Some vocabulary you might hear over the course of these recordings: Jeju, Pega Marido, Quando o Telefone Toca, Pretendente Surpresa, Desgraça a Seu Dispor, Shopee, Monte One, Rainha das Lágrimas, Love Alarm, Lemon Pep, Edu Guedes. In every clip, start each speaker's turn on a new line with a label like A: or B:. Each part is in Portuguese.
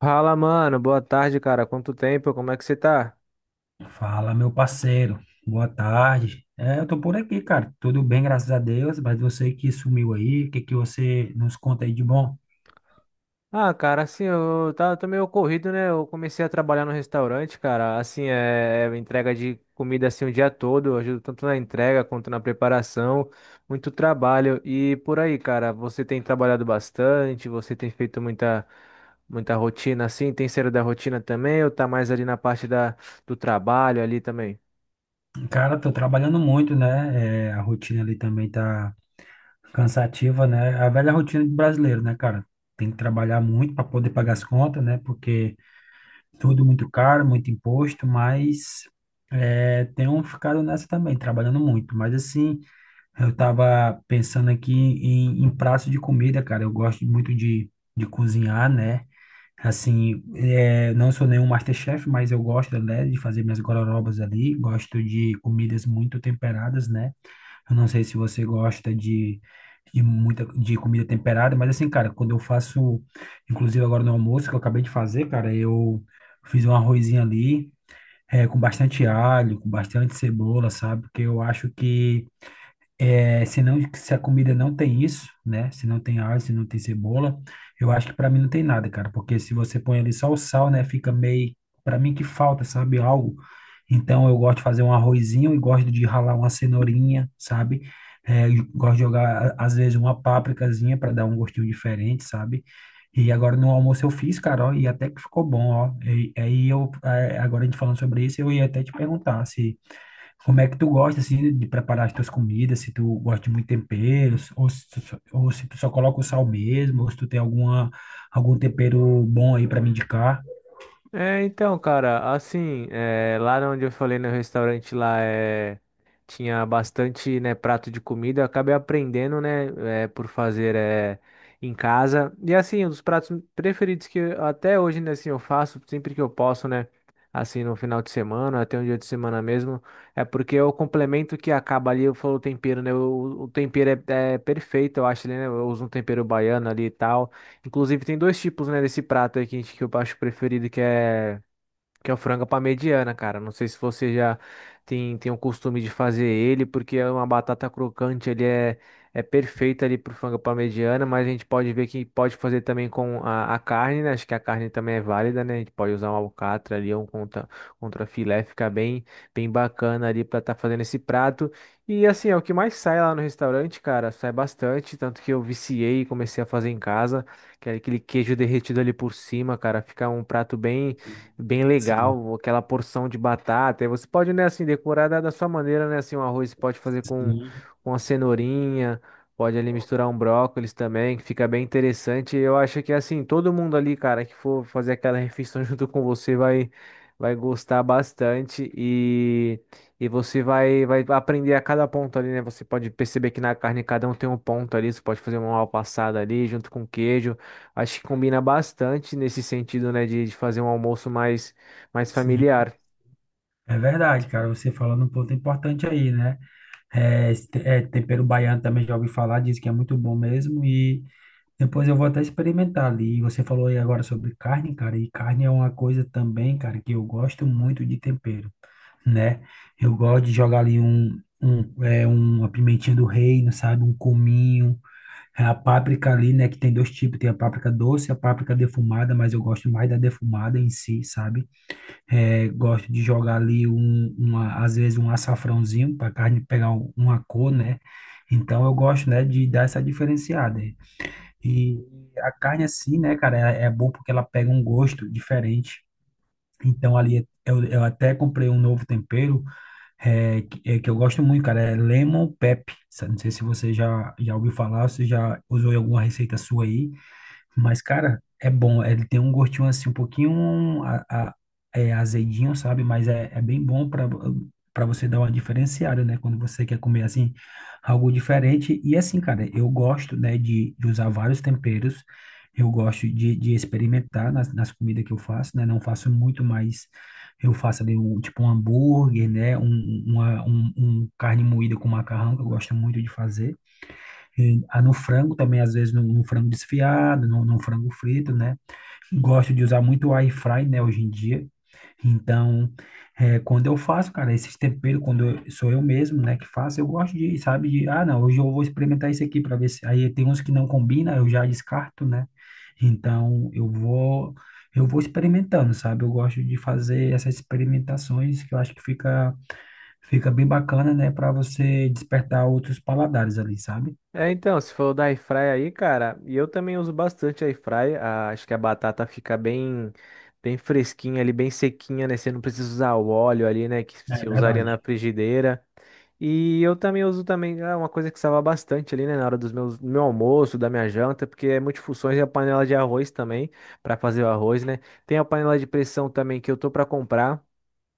A: Fala, mano. Boa tarde, cara. Quanto tempo? Como é que você tá?
B: Fala, meu parceiro. Boa tarde. Eu tô por aqui, cara. Tudo bem, graças a Deus. Mas você que sumiu aí, o que que você nos conta aí de bom?
A: Ah, cara, assim, tô meio corrido, né? Eu comecei a trabalhar no restaurante, cara. Assim, é entrega de comida assim o dia todo. Eu ajudo tanto na entrega quanto na preparação. Muito trabalho. E por aí, cara, você tem trabalhado bastante, você tem feito muita rotina assim, tem sido da rotina também, ou tá mais ali do trabalho ali também?
B: Cara, tô trabalhando muito, né? A rotina ali também tá cansativa, né? A velha rotina de brasileiro, né, cara? Tem que trabalhar muito para poder pagar as contas, né? Porque tudo muito caro, muito imposto, mas tenho ficado nessa também, trabalhando muito. Mas assim. Eu tava pensando aqui em prato de comida, cara. Eu gosto muito de cozinhar, né? Assim, é, não sou nenhum MasterChef, mas eu gosto, né, de fazer minhas gororobas ali. Gosto de comidas muito temperadas, né? Eu não sei se você gosta de muita de comida temperada, mas assim, cara, quando eu faço, inclusive agora no almoço que eu acabei de fazer, cara, eu fiz um arrozinho ali, com bastante alho, com bastante cebola, sabe? Porque eu acho que é, se não, se a comida não tem isso, né? Se não tem alho, se não tem cebola, eu acho que para mim não tem nada, cara. Porque se você põe ali só o sal, né? Fica meio, para mim que falta, sabe? Algo. Então eu gosto de fazer um arrozinho e gosto de ralar uma cenourinha, sabe? É, e gosto de jogar às vezes uma pápricazinha para dar um gostinho diferente, sabe? E agora no almoço eu fiz, cara, ó, e até que ficou bom, ó. E aí eu, é, agora a gente falando sobre isso, eu ia até te perguntar se como é que tu gosta, assim, de preparar as tuas comidas? Se tu gosta de muito tempero, ou se tu só, ou se tu só coloca o sal mesmo, ou se tu tem alguma, algum tempero bom aí para me indicar.
A: É, então, cara, assim, é, lá onde eu falei no restaurante lá é, tinha bastante, né, prato de comida, eu acabei aprendendo, né, é, por fazer é, em casa. E assim, um dos pratos preferidos até hoje, né, assim, eu faço sempre que eu posso, né, assim, no final de semana, até um dia de semana mesmo, é porque é o complemento que acaba ali, eu falo o tempero, né, o tempero é perfeito, eu acho, né, eu uso um tempero baiano ali e tal. Inclusive, tem dois tipos, né, desse prato aí que, que eu acho preferido, que é o frango para mediana, cara. Não sei se você já tem o costume de fazer ele, porque é uma batata crocante, ele é, é perfeito ali pro frango para mediana, mas a gente pode ver que pode fazer também com a carne, né? Acho que a carne também é válida, né? A gente pode usar um alcatra ali, contra filé, fica bem bacana ali para estar fazendo esse prato. E assim, é o que mais sai lá no restaurante, cara, sai bastante, tanto que eu viciei e comecei a fazer em casa, que é aquele queijo derretido ali por cima, cara, fica um prato bem
B: Sim,
A: legal, aquela porção de batata. E você pode, né, assim, decorar da sua maneira, né, assim, um arroz você pode fazer
B: sim,
A: com a cenourinha, pode ali misturar um brócolis também, que fica bem interessante. Eu acho que, assim, todo mundo ali, cara, que for fazer aquela refeição junto com você vai gostar bastante e você vai aprender a cada ponto ali, né? Você pode perceber que na carne cada um tem um ponto ali, você pode fazer uma mal passada ali junto com queijo. Acho que combina bastante nesse sentido, né, de fazer um almoço mais
B: sim.
A: familiar.
B: É verdade, cara, você falando um ponto importante aí, né? É, tempero baiano também já ouvi falar, diz que é muito bom mesmo e depois eu vou até experimentar ali. E você falou aí agora sobre carne, cara, e carne é uma coisa também, cara, que eu gosto muito de tempero, né? Eu gosto de jogar ali um uma pimentinha do reino, sabe? Um cominho, é, a páprica ali, né? Que tem dois tipos, tem a páprica doce e a páprica defumada, mas eu gosto mais da defumada em si, sabe? É, gosto de jogar ali um, uma, às vezes um açafrãozinho para a carne pegar uma cor, né? Então eu gosto, né, de dar essa diferenciada. E a carne assim, né, cara, é bom porque ela pega um gosto diferente. Então ali eu até comprei um novo tempero que é que eu gosto muito, cara, é Lemon Pep. Não sei se você já ouviu falar, se já usou em alguma receita sua aí. Mas, cara, é bom. Ele tem um gostinho assim, um pouquinho azedinho, sabe? Mas é, é bem bom para você dar uma diferenciada, né? Quando você quer comer assim, algo diferente. E assim, cara, eu gosto, né, de usar vários temperos. Eu gosto de experimentar nas comidas que eu faço, né? Não faço muito, mas eu faço ali um, tipo um hambúrguer, né? Um carne moída com macarrão, que eu gosto muito de fazer. E, ah, no frango também, às vezes, no frango desfiado, no frango frito, né? Gosto de usar muito o air fry, né, hoje em dia. Então, é, quando eu faço, cara, esses temperos, sou eu mesmo, né, que faço, eu gosto de, sabe, de, ah, não, hoje eu vou experimentar isso aqui para ver se. Aí tem uns que não combina, eu já descarto, né? Então, eu vou experimentando, sabe? Eu gosto de fazer essas experimentações que eu acho que fica bem bacana, né, para você despertar outros paladares ali, sabe?
A: É, então, se for da airfryer aí, cara, e eu também uso bastante a airfryer, acho que a batata fica bem fresquinha ali, bem sequinha, né, você não precisa usar o óleo ali, né, que
B: É
A: você usaria na
B: verdade.
A: frigideira. E eu também uso também, é uma coisa que salva bastante ali, né, na hora do meu almoço, da minha janta, porque é multifunções e a panela de arroz também, para fazer o arroz, né. Tem a panela de pressão também que eu tô para comprar,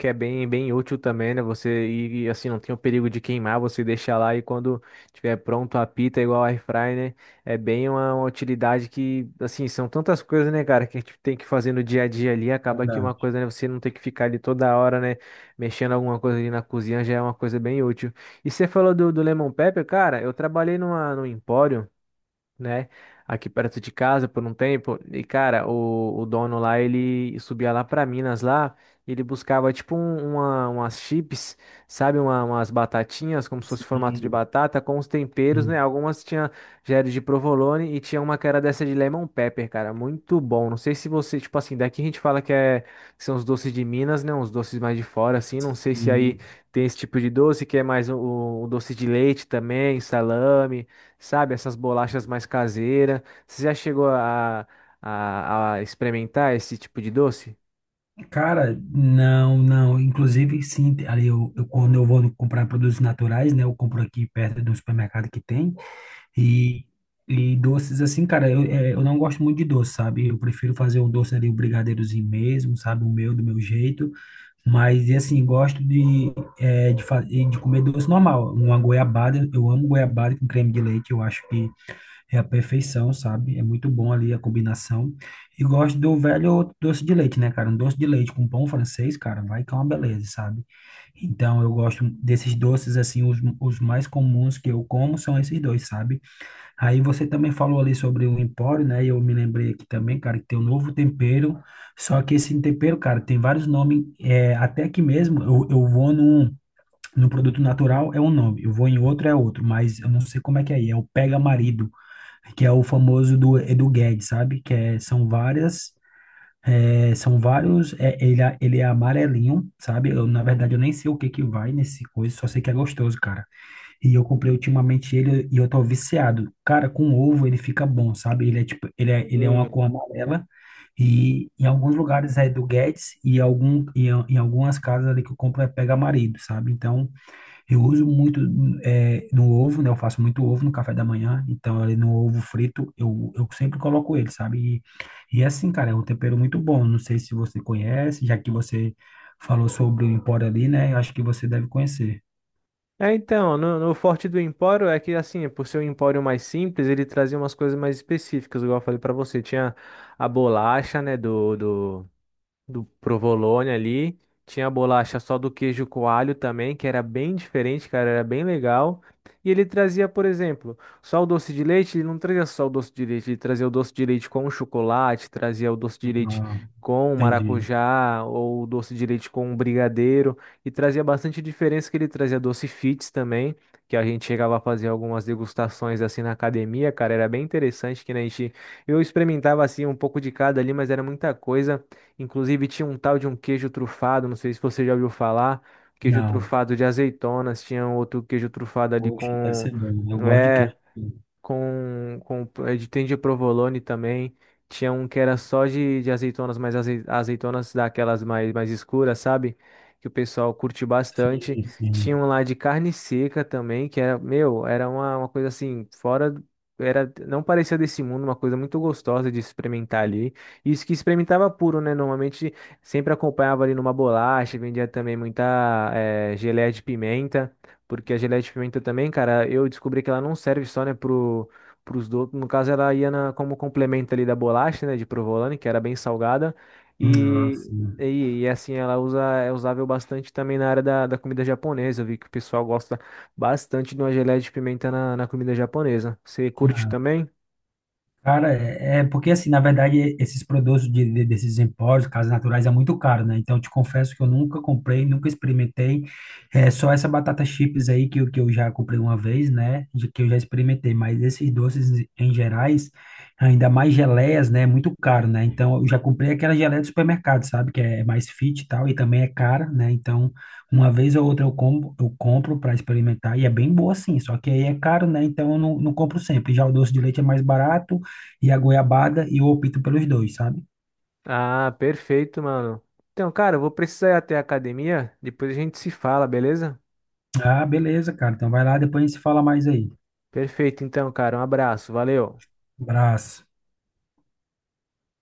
A: que é bem útil também, né? Você ir assim, não tem o perigo de queimar, você deixa lá e quando tiver pronto apita igual air fry, né? É bem uma utilidade que, assim, são tantas coisas, né, cara, que a gente tem que fazer no dia a dia ali, acaba que uma
B: Verdade.
A: coisa, né, você não tem que ficar ali toda hora, né, mexendo alguma coisa ali na cozinha, já é uma coisa bem útil. E você falou do Lemon Pepper, cara, eu trabalhei num empório, né? Aqui perto de casa por um tempo. E, cara, o dono lá, ele subia lá pra Minas lá, e ele buscava umas chips, sabe? Umas batatinhas, como se fosse formato de
B: Sim,
A: batata, com os temperos, né?
B: sim,
A: Algumas tinha já era de provolone e tinha uma que era dessa de lemon pepper, cara. Muito bom. Não sei se você, tipo assim, daqui a gente fala que, é, que são os doces de Minas, né? Uns doces mais de fora, assim. Não sei se aí
B: sim.
A: tem esse tipo de doce, que é mais o doce de leite também, salame. Sabe, essas bolachas mais caseiras. Você já chegou a experimentar esse tipo de doce?
B: Cara, não, não. Inclusive, sim, ali quando eu vou comprar produtos naturais, né? Eu compro aqui perto de um supermercado que tem. E, e doces, assim, cara, eu, é, eu não gosto muito de doce, sabe? Eu prefiro fazer um doce ali, um brigadeirozinho mesmo, sabe? O meu, do meu jeito. Mas, e assim, gosto de, é, de, fa- de comer doce normal. Uma goiabada, eu amo goiabada com creme de leite. Eu acho que é a perfeição, sabe? É muito bom ali a combinação. E gosto do velho doce de leite, né, cara? Um doce de leite com pão francês, cara, vai que é uma beleza, sabe? Então, eu gosto desses doces, assim, os mais comuns que eu como são esses dois, sabe? Aí você também falou ali sobre o Empório, né? E eu me lembrei aqui também, cara, que tem um novo tempero. Só que esse tempero, cara, tem vários nomes. É, até aqui mesmo, eu vou num, num produto natural, é um nome. Eu vou em outro, é outro. Mas eu não sei como é que é aí. É o Pega Marido que é o famoso do Edu Guedes, sabe? Que é, são várias, é, são vários, é, ele, é- Ele é amarelinho, sabe? Eu, na verdade, eu nem sei o que que vai nesse coisa, só sei que é gostoso, cara. E eu comprei ultimamente ele e eu tô viciado. Cara, com ovo ele fica bom, sabe? Ele é tipo, ele é
A: Hum.
B: uma cor amarela e em alguns lugares é do Guedes e em algumas casas ali que eu compro é pega marido, sabe? Então, eu uso muito no ovo, né? Eu faço muito ovo no café da manhã. Então, ali no ovo frito, eu sempre coloco ele, sabe? E é assim, cara, é um tempero muito bom. Não sei se você conhece, já que você falou sobre o Empório ali, né? Eu acho que você deve conhecer.
A: É, então, no forte do Empório é que, assim, por ser um empório mais simples, ele trazia umas coisas mais específicas, igual eu falei pra você. Tinha a bolacha, né, do provolone ali. Tinha a bolacha só do queijo coalho também, que era bem diferente, cara, era bem legal. E ele trazia, por exemplo, só o doce de leite, ele não trazia só o doce de leite, ele trazia o doce de leite com chocolate, trazia o doce de leite
B: Ah,
A: com
B: entendi.
A: maracujá ou o doce de leite com brigadeiro e trazia bastante diferença que ele trazia doce fits também, que a gente chegava a fazer algumas degustações assim na academia, cara, era bem interessante que né, a gente eu experimentava assim um pouco de cada ali, mas era muita coisa. Inclusive tinha um tal de um queijo trufado, não sei se você já ouviu falar, queijo
B: Não.
A: trufado de azeitonas, tinha um outro queijo trufado ali
B: Oxe, deve
A: com,
B: ser bom. Eu gosto de
A: é,
B: queijo.
A: com tem de provolone também. Tinha um que era só de azeitonas, mas azeitonas daquelas mais escuras, sabe? Que o pessoal curte bastante.
B: Sim,
A: Tinha
B: sim.
A: um lá de carne seca também, que era, meu, era uma coisa assim, Era, não parecia desse mundo, uma coisa muito gostosa de experimentar ali. Isso que experimentava puro, né? Normalmente sempre acompanhava ali numa bolacha, vendia também muita geleia de pimenta. Porque a geleia de pimenta também, cara, eu descobri que ela não serve só, né, pros doces. No caso, ela como complemento ali da bolacha, né, de provolone, que era bem salgada.
B: Ah,
A: E,
B: sim.
A: e, e, assim, ela usa, é usável bastante também na área da comida japonesa. Eu vi que o pessoal gosta bastante de uma geleia de pimenta na comida japonesa. Você curte também?
B: Cara, é porque assim, na verdade, esses produtos desses empórios, casas naturais, é muito caro, né? Então, eu te confesso que eu nunca comprei, nunca experimentei. É só essa batata chips aí que, que eu já comprei uma vez, né? De que eu já experimentei, mas esses doces em gerais, ainda mais geleias, né? É muito caro, né? Então, eu já comprei aquela geleia do supermercado, sabe? Que é mais fit e tal, e também é cara, né? Então, uma vez ou outra eu compro para experimentar e é bem boa sim, só que aí é caro, né? Então eu não compro sempre. Já o doce de leite é mais barato e a goiabada e eu opto pelos dois, sabe?
A: Ah, perfeito, mano. Então, cara, eu vou precisar ir até a academia. Depois a gente se fala, beleza?
B: Ah, beleza, cara. Então vai lá, depois a gente se fala mais aí.
A: Perfeito, então, cara. Um abraço. Valeu.
B: Abraço.